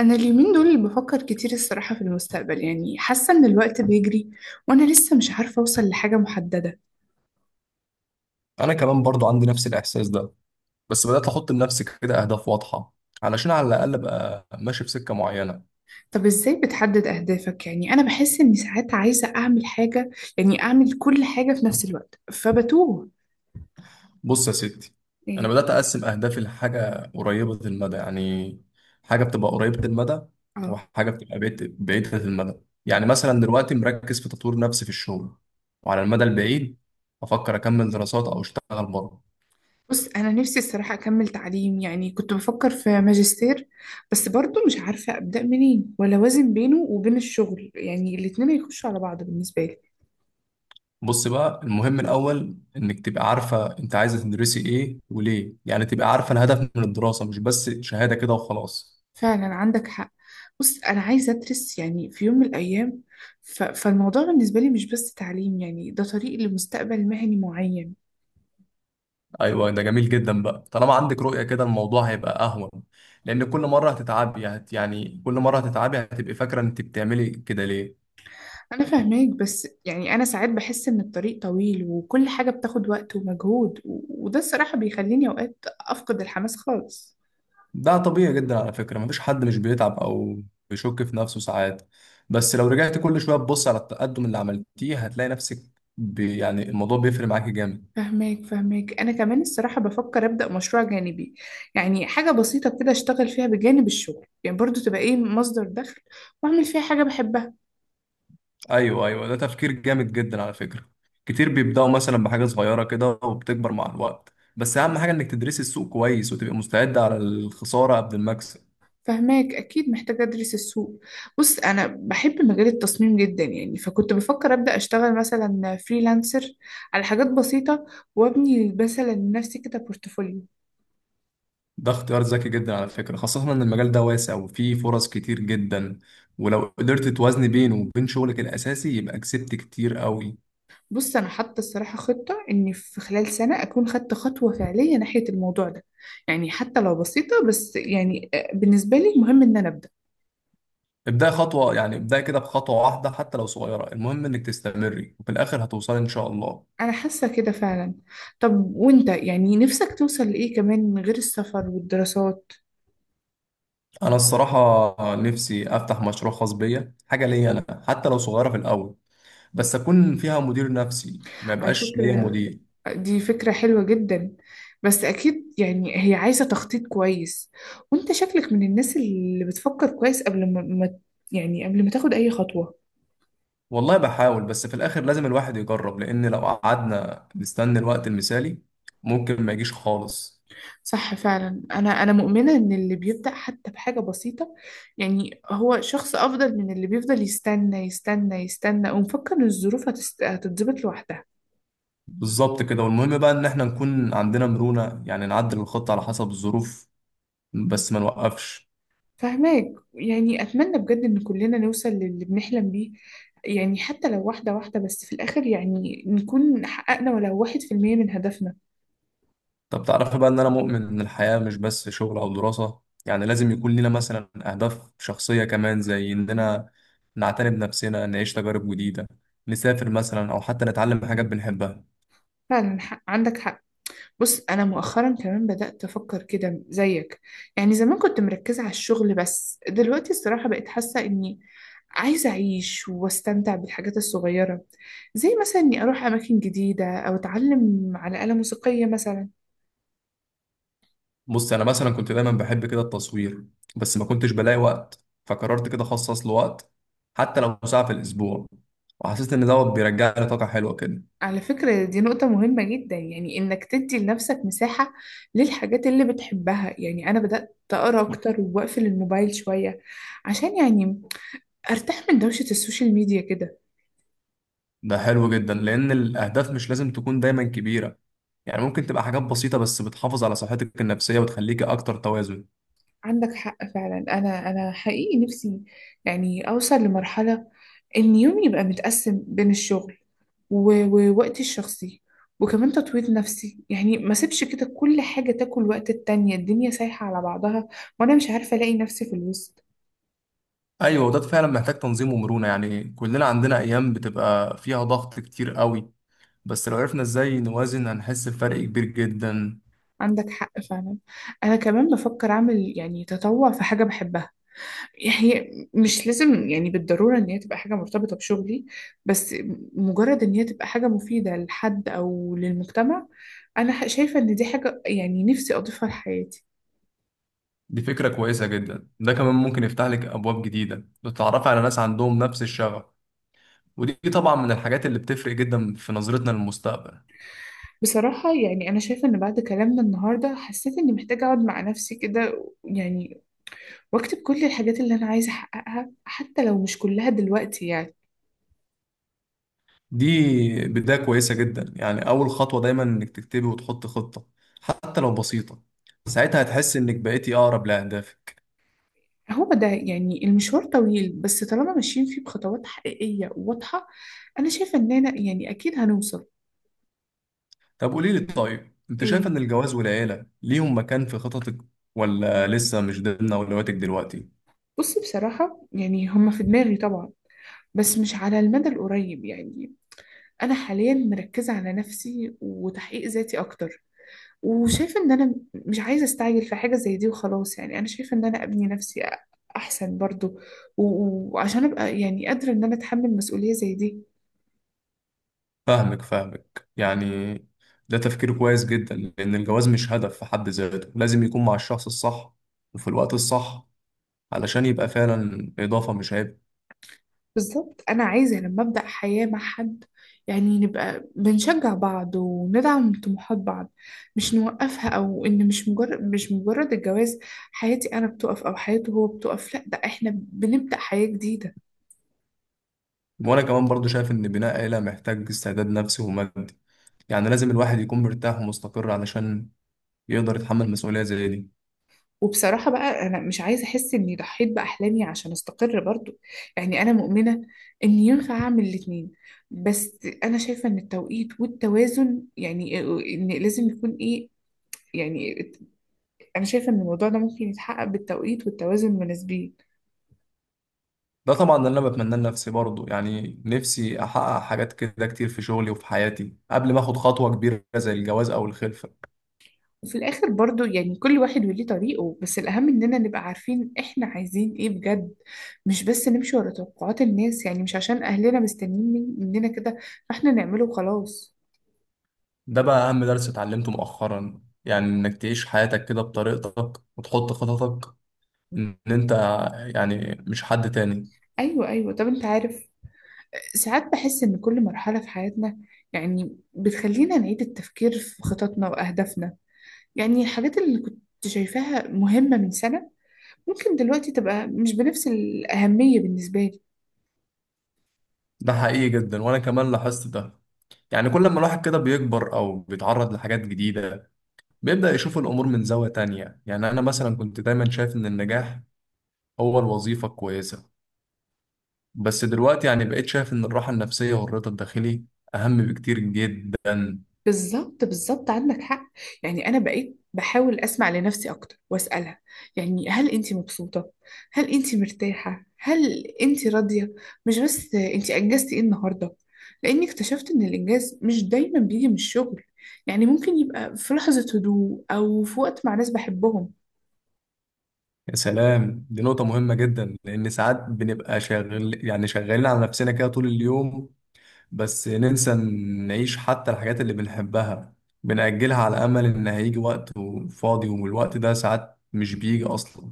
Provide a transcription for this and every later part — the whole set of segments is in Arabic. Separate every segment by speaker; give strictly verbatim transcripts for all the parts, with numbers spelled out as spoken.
Speaker 1: أنا اليومين دول بفكر كتير الصراحة في المستقبل، يعني حاسة إن الوقت بيجري وأنا لسه مش عارفة أوصل لحاجة محددة.
Speaker 2: انا كمان برضو عندي نفس الاحساس ده. بس بدات احط لنفسي كده اهداف واضحه علشان على الاقل ابقى ماشي في سكه معينه.
Speaker 1: طب إزاي بتحدد أهدافك؟ يعني أنا بحس إني ساعات عايزة أعمل حاجة، يعني أعمل كل حاجة في نفس الوقت فبتوه.
Speaker 2: بص يا ستي، انا
Speaker 1: إيه؟
Speaker 2: بدات اقسم اهدافي لحاجه قريبه المدى، يعني حاجه بتبقى قريبه المدى،
Speaker 1: آه.
Speaker 2: وحاجه بتبقى بعيد- بعيده المدى. يعني مثلا دلوقتي مركز في تطوير نفسي في الشغل، وعلى المدى البعيد افكر اكمل دراسات او اشتغل بره.
Speaker 1: بص، أنا نفسي الصراحة أكمل تعليم، يعني كنت بفكر في ماجستير، بس برضه مش عارفة أبدأ منين ولا أوازن بينه وبين الشغل، يعني الاتنين يخشوا على بعض بالنسبة لي.
Speaker 2: بص بقى، المهم الأول إنك تبقى عارفة أنت عايزة تدرسي إيه وليه، يعني تبقى عارفة الهدف من الدراسة مش بس شهادة كده وخلاص.
Speaker 1: فعلا عندك حق. بص، أنا عايزة أدرس يعني في يوم من الأيام. ف... فالموضوع بالنسبة لي مش بس تعليم، يعني ده طريق لمستقبل مهني معين.
Speaker 2: أيوة، ده جميل جدا بقى، طالما عندك رؤية كده الموضوع هيبقى أهون، لأن كل مرة هتتعبي هت يعني كل مرة هتتعبي هتبقي فاكرة أنت بتعملي كده ليه.
Speaker 1: أنا فاهماك، بس يعني أنا ساعات بحس إن الطريق طويل وكل حاجة بتاخد وقت ومجهود، و... وده الصراحة بيخليني أوقات أفقد الحماس خالص.
Speaker 2: ده طبيعي جدا على فكرة، مفيش حد مش بيتعب أو بيشك في نفسه ساعات. بس لو رجعت كل شوية تبص على التقدم اللي عملتيه هتلاقي نفسك، بي يعني الموضوع بيفرق معاكي جامد.
Speaker 1: فهماك فهماك، أنا كمان الصراحة بفكر أبدأ مشروع جانبي، يعني حاجة بسيطة كده أشتغل فيها بجانب الشغل، يعني برضو تبقى إيه مصدر دخل، وأعمل فيها حاجة بحبها.
Speaker 2: ايوه ايوه، ده تفكير جامد جدا على فكره. كتير بيبداوا مثلا بحاجه صغيره كده وبتكبر مع الوقت، بس اهم حاجه انك تدرسي السوق كويس وتبقى مستعده على الخساره قبل المكسب.
Speaker 1: فهماك، اكيد محتاجه ادرس السوق. بص، انا بحب مجال التصميم جدا، يعني فكنت بفكر ابدا اشتغل مثلا فريلانسر على حاجات بسيطه، وابني مثلا لنفسي كده بورتفوليو.
Speaker 2: ده اختيار ذكي جدا على فكره، خاصه ان المجال ده واسع وفيه فرص كتير جدا، ولو قدرت توازني بينه وبين شغلك الاساسي يبقى كسبت كتير قوي.
Speaker 1: بص، انا حاطه الصراحه خطه اني في خلال سنه اكون خدت خطوه فعليه ناحيه الموضوع ده، يعني حتى لو بسيطه، بس يعني آه، بالنسبه لي مهم ان انا ابدا.
Speaker 2: ابدأي خطوه، يعني ابدأي كده بخطوه واحده حتى لو صغيره، المهم انك تستمري وفي الاخر هتوصلي ان شاء الله.
Speaker 1: انا حاسه كده فعلا. طب وانت يعني نفسك توصل لايه كمان غير السفر والدراسات؟
Speaker 2: انا الصراحه نفسي افتح مشروع خاص بيا، حاجه ليا انا حتى لو صغيره في الاول، بس اكون فيها مدير نفسي ما
Speaker 1: على
Speaker 2: يبقاش ليا
Speaker 1: فكره،
Speaker 2: مدير.
Speaker 1: دي فكرة حلوة جدا، بس أكيد يعني هي عايزة تخطيط كويس. وأنت شكلك من الناس اللي بتفكر كويس قبل ما ما- يعني قبل ما تاخد أي خطوة.
Speaker 2: والله بحاول، بس في الاخر لازم الواحد يجرب، لان لو قعدنا نستنى الوقت المثالي ممكن ما يجيش خالص.
Speaker 1: صح فعلا. أنا أنا مؤمنة إن اللي بيبدأ حتى بحاجة بسيطة، يعني هو شخص أفضل من اللي بيفضل يستنى يستنى يستنى، ومفكر إن الظروف هتست- هتتظبط لوحدها.
Speaker 2: بالظبط كده. والمهم بقى ان احنا نكون عندنا مرونة، يعني نعدل الخطة على حسب الظروف، بس ما نوقفش.
Speaker 1: فهماك، يعني أتمنى بجد إن كلنا نوصل للي بنحلم بيه، يعني حتى لو واحدة واحدة، بس في الآخر يعني نكون حققنا ولو واحد في المية من هدفنا.
Speaker 2: طب تعرف بقى ان انا مؤمن ان الحياة مش بس شغل او دراسة؟ يعني لازم يكون لنا مثلا اهداف شخصية كمان، زي اننا نعتني بنفسنا، نعيش تجارب جديدة، نسافر مثلا، او حتى نتعلم حاجات بنحبها.
Speaker 1: فعلا حق. عندك حق. بص، أنا مؤخرا كمان بدأت أفكر كده زيك، يعني زمان كنت مركزة على الشغل، بس دلوقتي الصراحة بقيت حاسة إني عايزة أعيش واستمتع بالحاجات الصغيرة، زي مثلا إني أروح أماكن جديدة أو أتعلم على آلة موسيقية مثلا.
Speaker 2: بص انا مثلا كنت دايما بحب كده التصوير، بس ما كنتش بلاقي وقت، فقررت كده اخصص له وقت حتى لو ساعة في الاسبوع، وحسيت ان دوت بيرجع لي طاقة حلوة كده.
Speaker 1: على فكرة، دي نقطة مهمة جدا، يعني إنك تدي لنفسك مساحة للحاجات اللي بتحبها، يعني أنا بدأت أقرأ أكتر وأقفل الموبايل شوية عشان يعني أرتاح من دوشة السوشيال ميديا كده.
Speaker 2: ده حلو جدا، لان الاهداف مش لازم تكون دايما كبيرة، يعني ممكن تبقى حاجات بسيطة بس بتحافظ على صحتك النفسية وتخليك اكتر توازن.
Speaker 1: عندك حق فعلا. أنا أنا حقيقي نفسي يعني أوصل لمرحلة إن يومي يبقى متقسم بين الشغل و- ووقتي الشخصي، وكمان تطوير نفسي، يعني ما سيبش كده كل حاجة تاكل وقت التانية، الدنيا سايحة على بعضها. وأنا مش عارفة ألاقي نفسي في الوسط.
Speaker 2: ايوه، وده فعلا محتاج تنظيم ومرونة، يعني كلنا عندنا ايام بتبقى فيها ضغط كتير قوي، بس لو عرفنا ازاي نوازن هنحس بفرق كبير جدا.
Speaker 1: عندك حق فعلا. انا كمان بفكر اعمل يعني تطوع في حاجه بحبها. هي مش لازم يعني بالضروره ان هي تبقى حاجه مرتبطه بشغلي، بس مجرد ان هي تبقى حاجه مفيده لحد او للمجتمع. انا ح- شايفه ان دي حاجه يعني نفسي اضيفها لحياتي.
Speaker 2: دي فكرة كويسة جدا، ده كمان ممكن يفتح لك أبواب جديدة لتتعرفي على ناس عندهم نفس الشغف، ودي طبعا من الحاجات اللي بتفرق جدا في نظرتنا للمستقبل.
Speaker 1: بصراحه يعني انا شايفه ان بعد كلامنا النهارده حسيت اني محتاجه اقعد مع نفسي كده يعني، واكتب كل الحاجات اللي انا عايزه احققها حتى لو مش كلها دلوقتي يعني.
Speaker 2: دي بداية كويسة جدا، يعني أول خطوة دايما إنك تكتبي وتحطي خطة حتى لو بسيطة، ساعتها هتحس إنك بقيتي أقرب لأهدافك.
Speaker 1: هو ده، يعني المشوار طويل، بس طالما ماشيين فيه بخطوات حقيقية وواضحة، أنا شايفة إننا يعني أكيد هنوصل.
Speaker 2: طب قولي لي، طيب أنت شايفة
Speaker 1: إيه؟
Speaker 2: إن الجواز والعيلة ليهم مكان في خططك ولا لسه مش ضمن أولوياتك دلوقتي؟
Speaker 1: بصي، بصراحة يعني هما في دماغي طبعا، بس مش على المدى القريب، يعني أنا حاليا مركزة على نفسي وتحقيق ذاتي أكتر، وشايفة إن أنا مش عايزة أستعجل في حاجة زي دي وخلاص. يعني أنا شايفة إن أنا أبني نفسي أحسن برضو، و- وعشان أبقى يعني قادرة إن أنا أتحمل مسؤولية زي دي.
Speaker 2: فاهمك فاهمك، يعني ده تفكير كويس جدا، لأن الجواز مش هدف في حد ذاته، لازم يكون مع الشخص الصح وفي الوقت الصح، علشان يبقى فعلا إضافة مش عيب.
Speaker 1: بالظبط. انا عايزه لما ابدا حياه مع حد، يعني نبقى بنشجع بعض وندعم طموحات بعض، مش نوقفها. او ان مش مجرد مش مجرد الجواز حياتي انا بتقف او حياته هو بتقف، لا ده احنا بنبدا حياه جديده.
Speaker 2: وأنا كمان برضو شايف إن بناء عيلة محتاج استعداد نفسي ومادي، يعني لازم الواحد يكون مرتاح ومستقر علشان يقدر يتحمل مسؤولية زي دي.
Speaker 1: وبصراحه بقى انا مش عايزه احس اني ضحيت باحلامي عشان استقر برضو، يعني انا مؤمنه ان ينفع اعمل الاتنين، بس انا شايفه ان التوقيت والتوازن يعني ان لازم يكون ايه، يعني انا شايفه ان الموضوع ده ممكن يتحقق بالتوقيت والتوازن المناسبين.
Speaker 2: ده طبعا اللي أنا بتمناه لنفسي برضو، يعني نفسي أحقق حاجات كده كتير في شغلي وفي حياتي قبل ما أخد خطوة كبيرة زي الجواز أو الخلفة.
Speaker 1: وفي الاخر برضو يعني كل واحد وليه طريقه، بس الاهم اننا نبقى عارفين احنا عايزين ايه بجد، مش بس نمشي ورا توقعات الناس، يعني مش عشان اهلنا مستنيين من- مننا كده فاحنا نعمله وخلاص.
Speaker 2: ده بقى أهم درس اتعلمته مؤخرا، يعني إنك تعيش حياتك كده بطريقتك وتحط خططك إن أنت، يعني مش حد تاني.
Speaker 1: ايوه ايوه. طب انت عارف، ساعات بحس ان كل مرحله في حياتنا يعني بتخلينا نعيد التفكير في خططنا واهدافنا، يعني الحاجات اللي كنت شايفاها مهمه من سنه ممكن دلوقتي تبقى مش بنفس الاهميه بالنسبه لي.
Speaker 2: ده حقيقي جدا، وأنا كمان لاحظت ده. يعني كل ما الواحد كده بيكبر أو بيتعرض لحاجات جديدة بيبدأ يشوف الأمور من زاوية تانية. يعني أنا مثلا كنت دايما شايف إن النجاح هو الوظيفة الكويسة، بس دلوقتي يعني بقيت شايف إن الراحة النفسية والرضا الداخلي أهم بكتير جدا.
Speaker 1: بالظبط بالظبط، عندك حق. يعني انا بقيت بحاول اسمع لنفسي اكتر واسالها، يعني هل انت مبسوطه، هل انت مرتاحه، هل انت راضيه، مش بس انت انجزتي ايه النهارده. لاني اكتشفت ان الانجاز مش دايما بيجي من الشغل، يعني ممكن يبقى في لحظه هدوء او في وقت مع ناس بحبهم.
Speaker 2: يا سلام، دي نقطة مهمة جدا، لأن ساعات بنبقى شغال، يعني شغالين على نفسنا كده طول اليوم، بس ننسى نعيش حتى الحاجات اللي بنحبها، بنأجلها على أمل إن هيجي وقت فاضي، والوقت ده ساعات مش بيجي أصلا.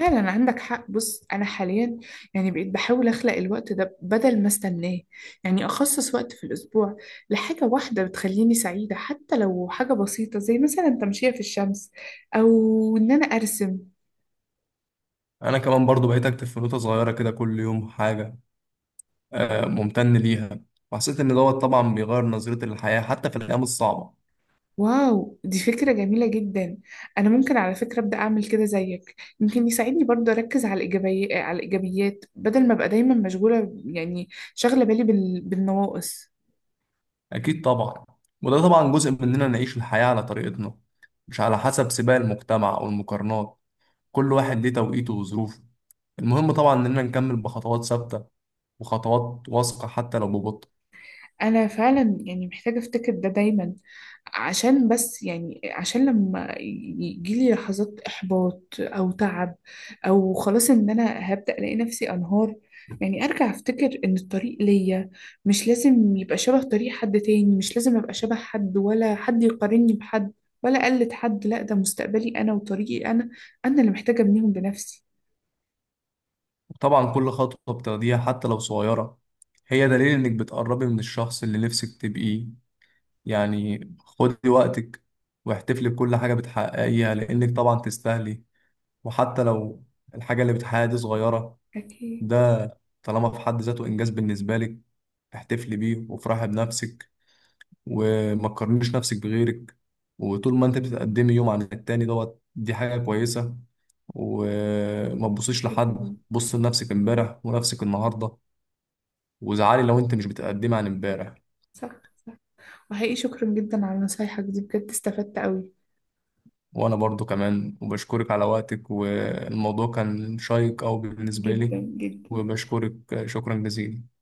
Speaker 1: فعلا عندك حق. بص انا حاليا يعني بقيت بحاول اخلق الوقت ده بدل ما استناه، يعني اخصص وقت في الاسبوع لحاجه واحده بتخليني سعيده، حتى لو حاجه بسيطه زي مثلا التمشيه في الشمس او ان انا ارسم.
Speaker 2: أنا كمان برضو بقيت أكتب في نوتة صغيرة كده كل يوم حاجة آه، ممتن ليها، وحسيت إن دوت طبعا بيغير نظرتي للحياة حتى في الأيام الصعبة.
Speaker 1: واو، دي فكره جميله جدا. انا ممكن على فكره ابدا اعمل كده زيك، يمكن يساعدني برضه اركز على الايجابيه على الايجابيات، بدل ما ابقى دايما مشغوله، يعني شاغله بالي بال... بالنواقص.
Speaker 2: أكيد طبعا، وده طبعا جزء مننا، نعيش الحياة على طريقتنا مش على حسب سباق المجتمع أو المقارنات. كل واحد ليه توقيته وظروفه، المهم طبعا إننا نكمل بخطوات ثابتة وخطوات واثقة حتى لو ببطء.
Speaker 1: انا فعلا يعني محتاجه افتكر ده دايما، عشان بس يعني عشان لما يجيلي لحظات احباط او تعب، او خلاص ان انا هبدا الاقي نفسي انهار، يعني ارجع افتكر ان الطريق ليا مش لازم يبقى شبه طريق حد تاني، مش لازم ابقى شبه حد، ولا حد يقارني بحد، ولا اقلد حد، لا ده مستقبلي انا وطريقي انا، انا اللي محتاجه ابنيهم بنفسي.
Speaker 2: وطبعا كل خطوة بتاخديها حتى لو صغيرة هي دليل إنك بتقربي من الشخص اللي نفسك تبقيه، يعني خدي وقتك واحتفلي بكل حاجة بتحققيها، لأنك طبعا تستاهلي. وحتى لو الحاجة اللي بتحققها دي صغيرة،
Speaker 1: اكيد.
Speaker 2: ده طالما في حد ذاته إنجاز بالنسبة لك، احتفلي بيه وافرحي بنفسك، وما تقارنيش نفسك بغيرك. وطول ما انت بتتقدمي يوم عن التاني، دوت دي حاجة كويسة. وما تبصيش
Speaker 1: اكيد
Speaker 2: لحد،
Speaker 1: والله.
Speaker 2: بص لنفسك امبارح ونفسك النهاردة، وزعلي لو انت مش بتقدمي عن امبارح.
Speaker 1: صح. صح. وحقيقي شكرا جدا على نصايحك دي، بجد استفدت قوي
Speaker 2: وانا برضو كمان وبشكرك على وقتك، والموضوع كان شيق او بالنسبة
Speaker 1: جدا
Speaker 2: لي.
Speaker 1: جدا.
Speaker 2: وبشكرك شكرا جزيلا.